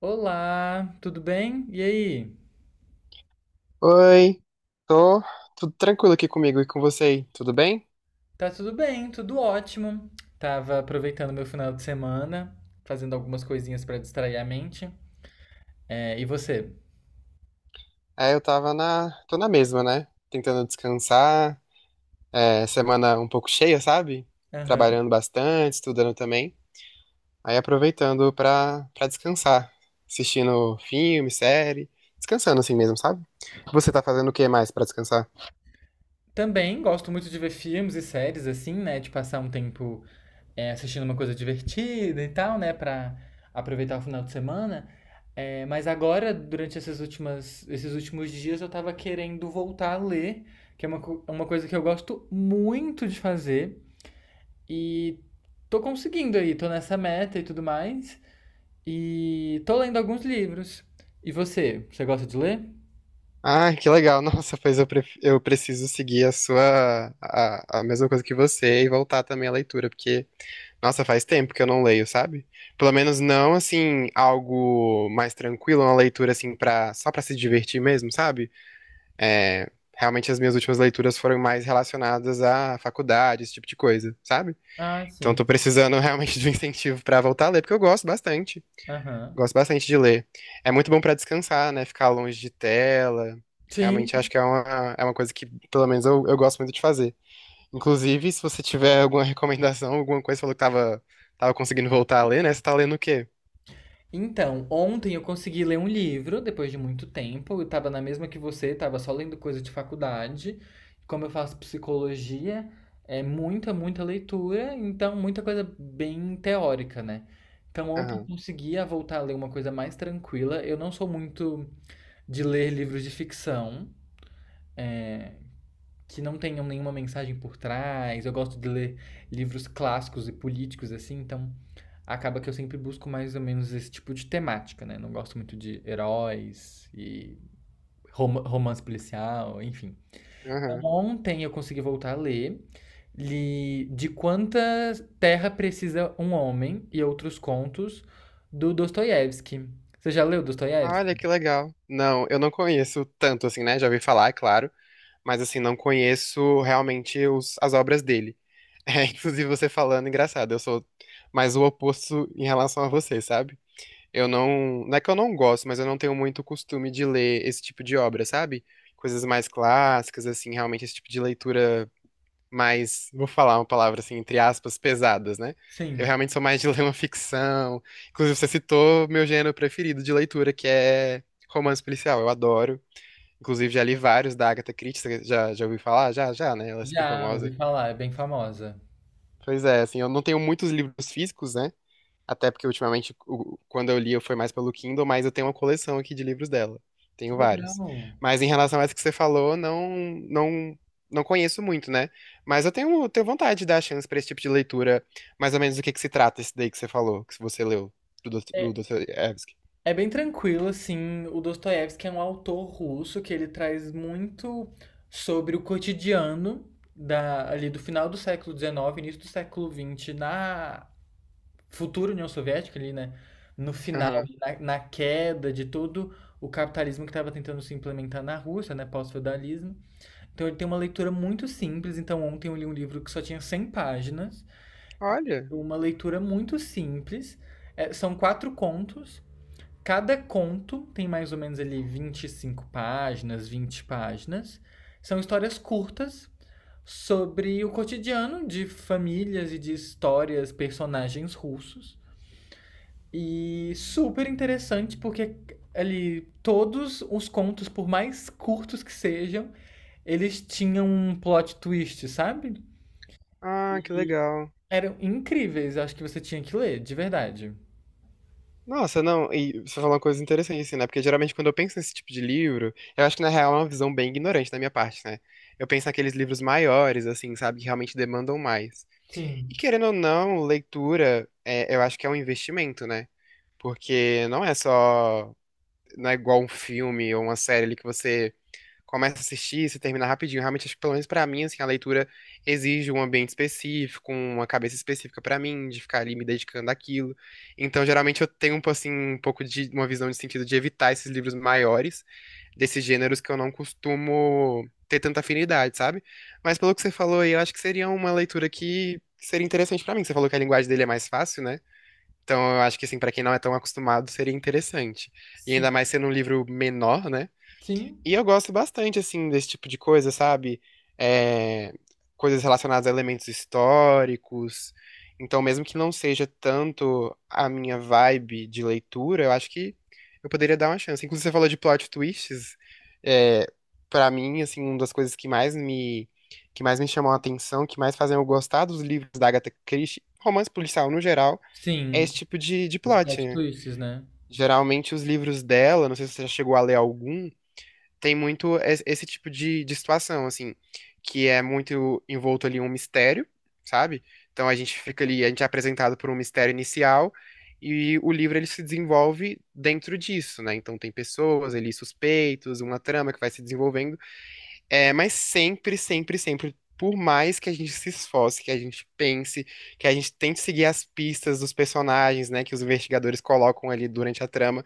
Olá, tudo bem? E aí? Oi, tô tudo tranquilo aqui comigo e com você aí, tudo bem? Tá tudo bem, tudo ótimo. Tava aproveitando meu final de semana, fazendo algumas coisinhas pra distrair a mente. É, e você? É, eu tô na mesma, né? Tentando descansar, semana um pouco cheia, sabe? Aham. Trabalhando bastante, estudando também. Aí aproveitando pra descansar, assistindo filme, série, descansando assim mesmo, sabe? Você tá fazendo o que mais pra descansar? Também gosto muito de ver filmes e séries assim, né? De passar um tempo assistindo uma coisa divertida e tal, né? Pra aproveitar o final de semana. É, mas agora, durante esses últimos dias, eu tava querendo voltar a ler, que é uma coisa que eu gosto muito de fazer. E tô conseguindo aí, tô nessa meta e tudo mais. E tô lendo alguns livros. E você? Você gosta de ler? Ah, que legal, nossa, pois eu preciso seguir a mesma coisa que você e voltar também à leitura, porque nossa, faz tempo que eu não leio, sabe? Pelo menos não assim, algo mais tranquilo, uma leitura assim para só pra se divertir mesmo, sabe? É, realmente as minhas últimas leituras foram mais relacionadas à faculdade, esse tipo de coisa, sabe? Ah, Então sim. tô precisando realmente de um incentivo pra voltar a ler, porque eu gosto bastante. Aham. Gosto bastante de ler. É muito bom pra descansar, né? Ficar longe de tela. Sim. Realmente acho que é uma coisa que, pelo menos, eu gosto muito de fazer. Inclusive, se você tiver alguma recomendação, alguma coisa, você falou que tava conseguindo voltar a ler, né? Você tá lendo o quê? Então, ontem eu consegui ler um livro, depois de muito tempo. Eu tava na mesma que você, tava só lendo coisa de faculdade. Como eu faço psicologia, é muita, muita leitura, então muita coisa bem teórica, né? Então, ontem eu Aham, conseguia voltar a ler uma coisa mais tranquila. Eu não sou muito de ler livros de ficção que não tenham nenhuma mensagem por trás. Eu gosto de ler livros clássicos e políticos, assim, então acaba que eu sempre busco mais ou menos esse tipo de temática, né? Não gosto muito de heróis e romance policial, enfim. aham. Ontem eu consegui voltar a ler. Li De Quanta Terra Precisa um Homem e Outros Contos, do Dostoiévski. Você já leu Olha Dostoiévski? que legal. Não, eu não conheço tanto, assim, né? Já ouvi falar, é claro. Mas, assim, não conheço realmente as obras dele. É, inclusive, você falando, engraçado. Eu sou mais o oposto em relação a você, sabe? Eu não. Não é que eu não gosto, mas eu não tenho muito costume de ler esse tipo de obra, sabe? Coisas mais clássicas, assim, realmente esse tipo de leitura mais. Vou falar uma palavra assim, entre aspas, pesadas, né? Eu Sim. realmente sou mais de ler uma ficção. Inclusive, você citou meu gênero preferido de leitura, que é romance policial. Eu adoro. Inclusive, já li vários da Agatha Christie. Você já ouviu falar? Já, já, né? Ela é super Já ouvi famosa. falar, é bem famosa. Pois é, assim, eu não tenho muitos livros físicos, né? Até porque ultimamente, quando eu li, foi mais pelo Kindle, mas eu tenho uma coleção aqui de livros dela. Que Tenho vários. legal. Mas em relação a essa que você falou, não, não, não conheço muito, né? Mas eu tenho vontade de dar chance pra esse tipo de leitura, mais ou menos do que se trata esse daí que você falou, que você leu, do É, Dostoiévski. é bem tranquilo, assim. O Dostoiévski é um autor russo que ele traz muito sobre o cotidiano ali do final do século XIX, início do século XX, na futura União Soviética, ali, né? No final, Aham. na queda de todo o capitalismo que estava tentando se implementar na Rússia, né? Pós-feudalismo. Então ele tem uma leitura muito simples. Então ontem eu li um livro que só tinha 100 páginas. Olha. Uma leitura muito simples. É, são quatro contos. Cada conto tem mais ou menos ali 25 páginas, 20 páginas. São histórias curtas sobre o cotidiano de famílias e de histórias, personagens russos. E super interessante porque ali todos os contos, por mais curtos que sejam, eles tinham um plot twist, sabe? Ah, que legal. Eram incríveis, acho que você tinha que ler, de verdade. Nossa, não, e você falou uma coisa interessante, assim, né? Porque geralmente quando eu penso nesse tipo de livro, eu acho que na real é uma visão bem ignorante da minha parte, né? Eu penso naqueles livros maiores, assim, sabe, que realmente demandam mais. E Sim. querendo ou não, leitura, eu acho que é um investimento, né? Porque não é só, não é igual um filme ou uma série ali que você começa a assistir, se termina rapidinho. Realmente, acho que pelo menos pra mim, assim, a leitura exige um ambiente específico, uma cabeça específica pra mim, de ficar ali me dedicando àquilo. Então, geralmente eu tenho assim um pouco de uma visão de sentido de evitar esses livros maiores desses gêneros que eu não costumo ter tanta afinidade, sabe? Mas pelo que você falou aí, eu acho que seria uma leitura que seria interessante pra mim. Você falou que a linguagem dele é mais fácil, né? Então, eu acho que assim, para quem não é tão acostumado, seria interessante. E Sim. ainda mais sendo um livro menor, né? Sim. E eu gosto bastante, assim, desse tipo de coisa, sabe? É, coisas relacionadas a elementos históricos. Então, mesmo que não seja tanto a minha vibe de leitura, eu acho que eu poderia dar uma chance. Inclusive, você falou de plot twists. É, para mim, assim, uma das coisas que mais me, chamam a atenção, que mais fazem eu gostar dos livros da Agatha Christie, romance policial no geral, é Sim. esse tipo de Os plot, plot né? twists, né? Geralmente, os livros dela, não sei se você já chegou a ler algum, tem muito esse tipo de situação, assim, que é muito envolto ali em um mistério, sabe? Então a gente fica ali, a gente é apresentado por um mistério inicial e o livro ele se desenvolve dentro disso, né? Então tem pessoas ali, suspeitos, uma trama que vai se desenvolvendo, mas sempre, sempre, sempre. Por mais que a gente se esforce, que a gente pense, que a gente tente seguir as pistas dos personagens, né, que os investigadores colocam ali durante a trama,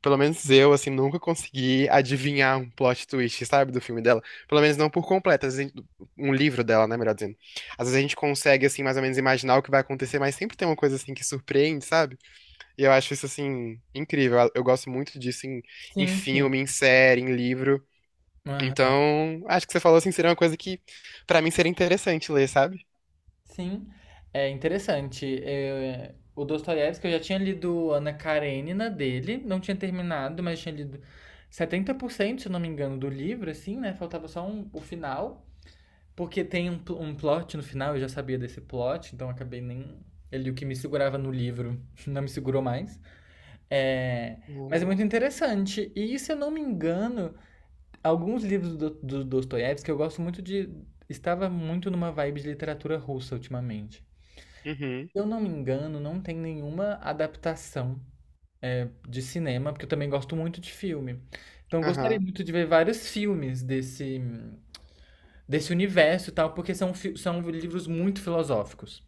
pelo menos eu, assim, nunca consegui adivinhar um plot twist, sabe, do filme dela. Pelo menos não por completo, às vezes, um livro dela, né, melhor dizendo. Às vezes a gente consegue, assim, mais ou menos imaginar o que vai acontecer, mas sempre tem uma coisa, assim, que surpreende, sabe? E eu acho isso, assim, incrível. Eu gosto muito disso em, Sim, sim. filme, em série, em livro. Aham. Então, acho que você falou, assim, seria uma coisa que, pra mim, seria interessante ler, sabe? Sim, é interessante. É, o Dostoiévski, eu já tinha lido Ana Karenina dele, não tinha terminado, mas tinha lido 70% se eu não me engano, do livro, assim, né? Faltava só o final, porque tem um plot no final, eu já sabia desse plot, então acabei nem... Ele, o que me segurava no livro, não me segurou mais. É, mas é Uhum, muito interessante. E, se eu não me engano, alguns livros do Dostoiévski que eu gosto muito de. Estava muito numa vibe de literatura russa ultimamente. Se eu não me engano, não tem nenhuma adaptação de cinema, porque eu também gosto muito de filme. Então eu gostaria aham, muito de ver vários filmes desse universo e tal, porque são livros muito filosóficos.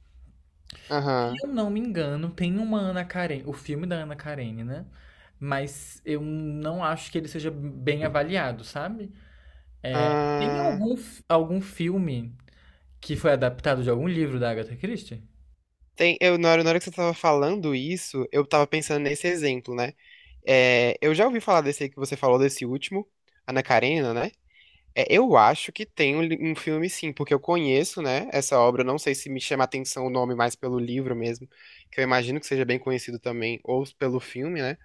Se aham. eu não me engano, tem uma Ana Karenina, o filme da Ana Karenina, mas eu não acho que ele seja bem avaliado, sabe? Tem Ah. algum filme que foi adaptado de algum livro da Agatha Christie? Tem, na hora que você tava falando isso, eu tava pensando nesse exemplo, né? É, eu já ouvi falar desse aí que você falou, desse último, Ana Karenina, né? É, eu acho que tem um filme sim, porque eu conheço, né, essa obra, eu não sei se me chama a atenção o nome mais pelo livro mesmo, que eu imagino que seja bem conhecido também, ou pelo filme, né?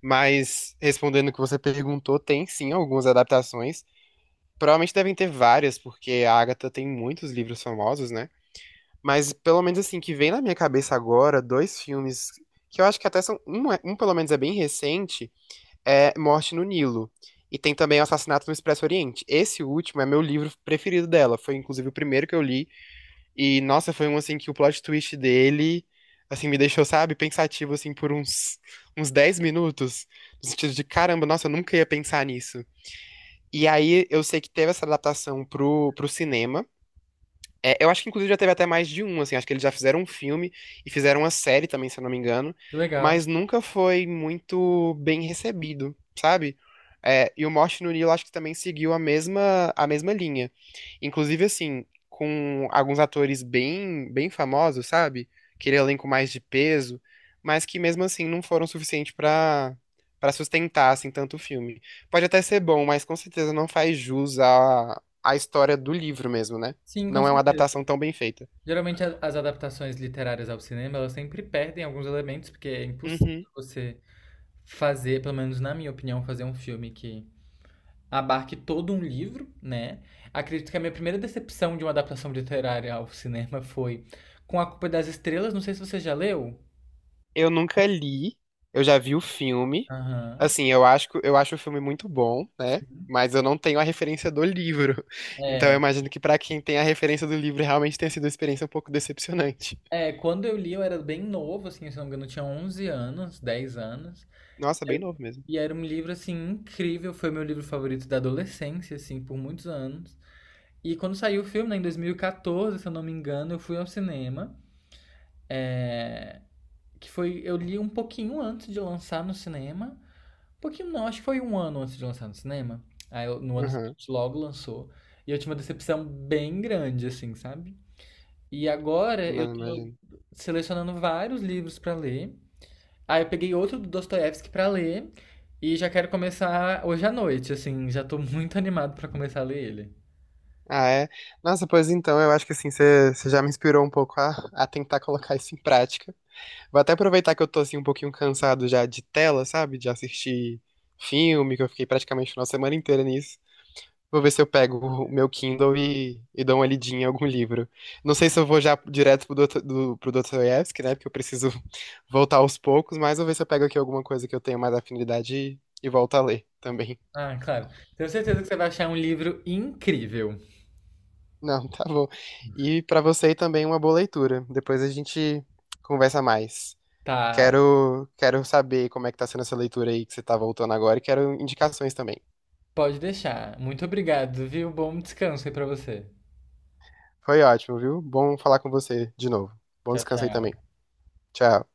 Mas, respondendo o que você perguntou, tem sim algumas adaptações. Provavelmente devem ter várias, porque a Agatha tem muitos livros famosos, né? Mas pelo menos assim, que vem na minha cabeça agora, dois filmes que eu acho que até são. Um pelo menos é bem recente, é Morte no Nilo. E tem também o Assassinato no Expresso Oriente. Esse último é meu livro preferido dela. Foi inclusive o primeiro que eu li. E, nossa, foi um assim que o plot twist dele, assim, me deixou, sabe, pensativo assim por uns 10 minutos. No sentido de, caramba, nossa, eu nunca ia pensar nisso. E aí eu sei que teve essa adaptação pro cinema. É, eu acho que inclusive já teve até mais de um, assim, acho que eles já fizeram um filme e fizeram uma série também, se eu não me engano, Legal. mas nunca foi muito bem recebido, sabe? É, e o Morte no Nilo acho que também seguiu a mesma linha. Inclusive, assim, com alguns atores bem, bem famosos, sabe? Aquele elenco mais de peso, mas que mesmo assim não foram suficientes pra para sustentar, assim, tanto o filme. Pode até ser bom, mas com certeza não faz jus à história do livro mesmo, né? Sim, com Não é uma certeza. adaptação tão bem feita. Geralmente as adaptações literárias ao cinema, elas sempre perdem alguns elementos, porque é impossível Uhum. você fazer, pelo menos na minha opinião, fazer um filme que abarque todo um livro, né? Acredito que a minha primeira decepção de uma adaptação literária ao cinema foi com A Culpa das Estrelas, não sei se você já leu. Eu nunca li, eu já vi o filme. Aham. Assim, eu acho, eu acho o filme muito bom, né? Sim. Mas eu não tenho a referência do livro. Então eu É, imagino que pra quem tem a referência do livro realmente tenha sido uma experiência um pouco decepcionante. Quando eu li eu era bem novo, assim, se não me engano, eu tinha 11 anos, 10 anos. Nossa, Era. bem novo mesmo. E era um livro, assim, incrível. Foi meu livro favorito da adolescência, assim, por muitos anos. E quando saiu o filme, né, em 2014, se eu não me engano, eu fui ao cinema. é, que foi. Eu li um pouquinho antes de lançar no cinema. Um pouquinho não, acho que foi um ano antes de lançar no cinema. Aí no ano Aham. seguinte logo lançou. E eu tive uma decepção bem grande, assim, sabe? E agora eu Não, tô imagino. selecionando vários livros pra ler. Aí eu peguei outro do Dostoiévski pra ler e já quero começar hoje à noite, assim, já tô muito animado pra começar a ler ele. Ah, é? Nossa, pois então, eu acho que assim, você já me inspirou um pouco a tentar colocar isso em prática. Vou até aproveitar que eu tô assim um pouquinho cansado já de tela, sabe? De assistir filme, que eu fiquei praticamente uma semana inteira nisso. Vou ver se eu pego o meu Kindle e dou uma lidinha em algum livro. Não sei se eu vou já direto pro Dostoiévski, né? Porque eu preciso voltar aos poucos, mas vou ver se eu pego aqui alguma coisa que eu tenho mais afinidade e volto a ler também. Ah, claro. Tenho certeza que você vai achar um livro incrível. Não, tá bom. E pra você também uma boa leitura. Depois a gente conversa mais. Tá, Quero saber como é que tá sendo essa leitura aí que você tá voltando agora e quero indicações também. pode deixar. Muito obrigado, viu? Bom descanso aí pra você. Foi ótimo, viu? Bom falar com você de novo. Bom Tchau, descanso aí tchau. também. Tchau.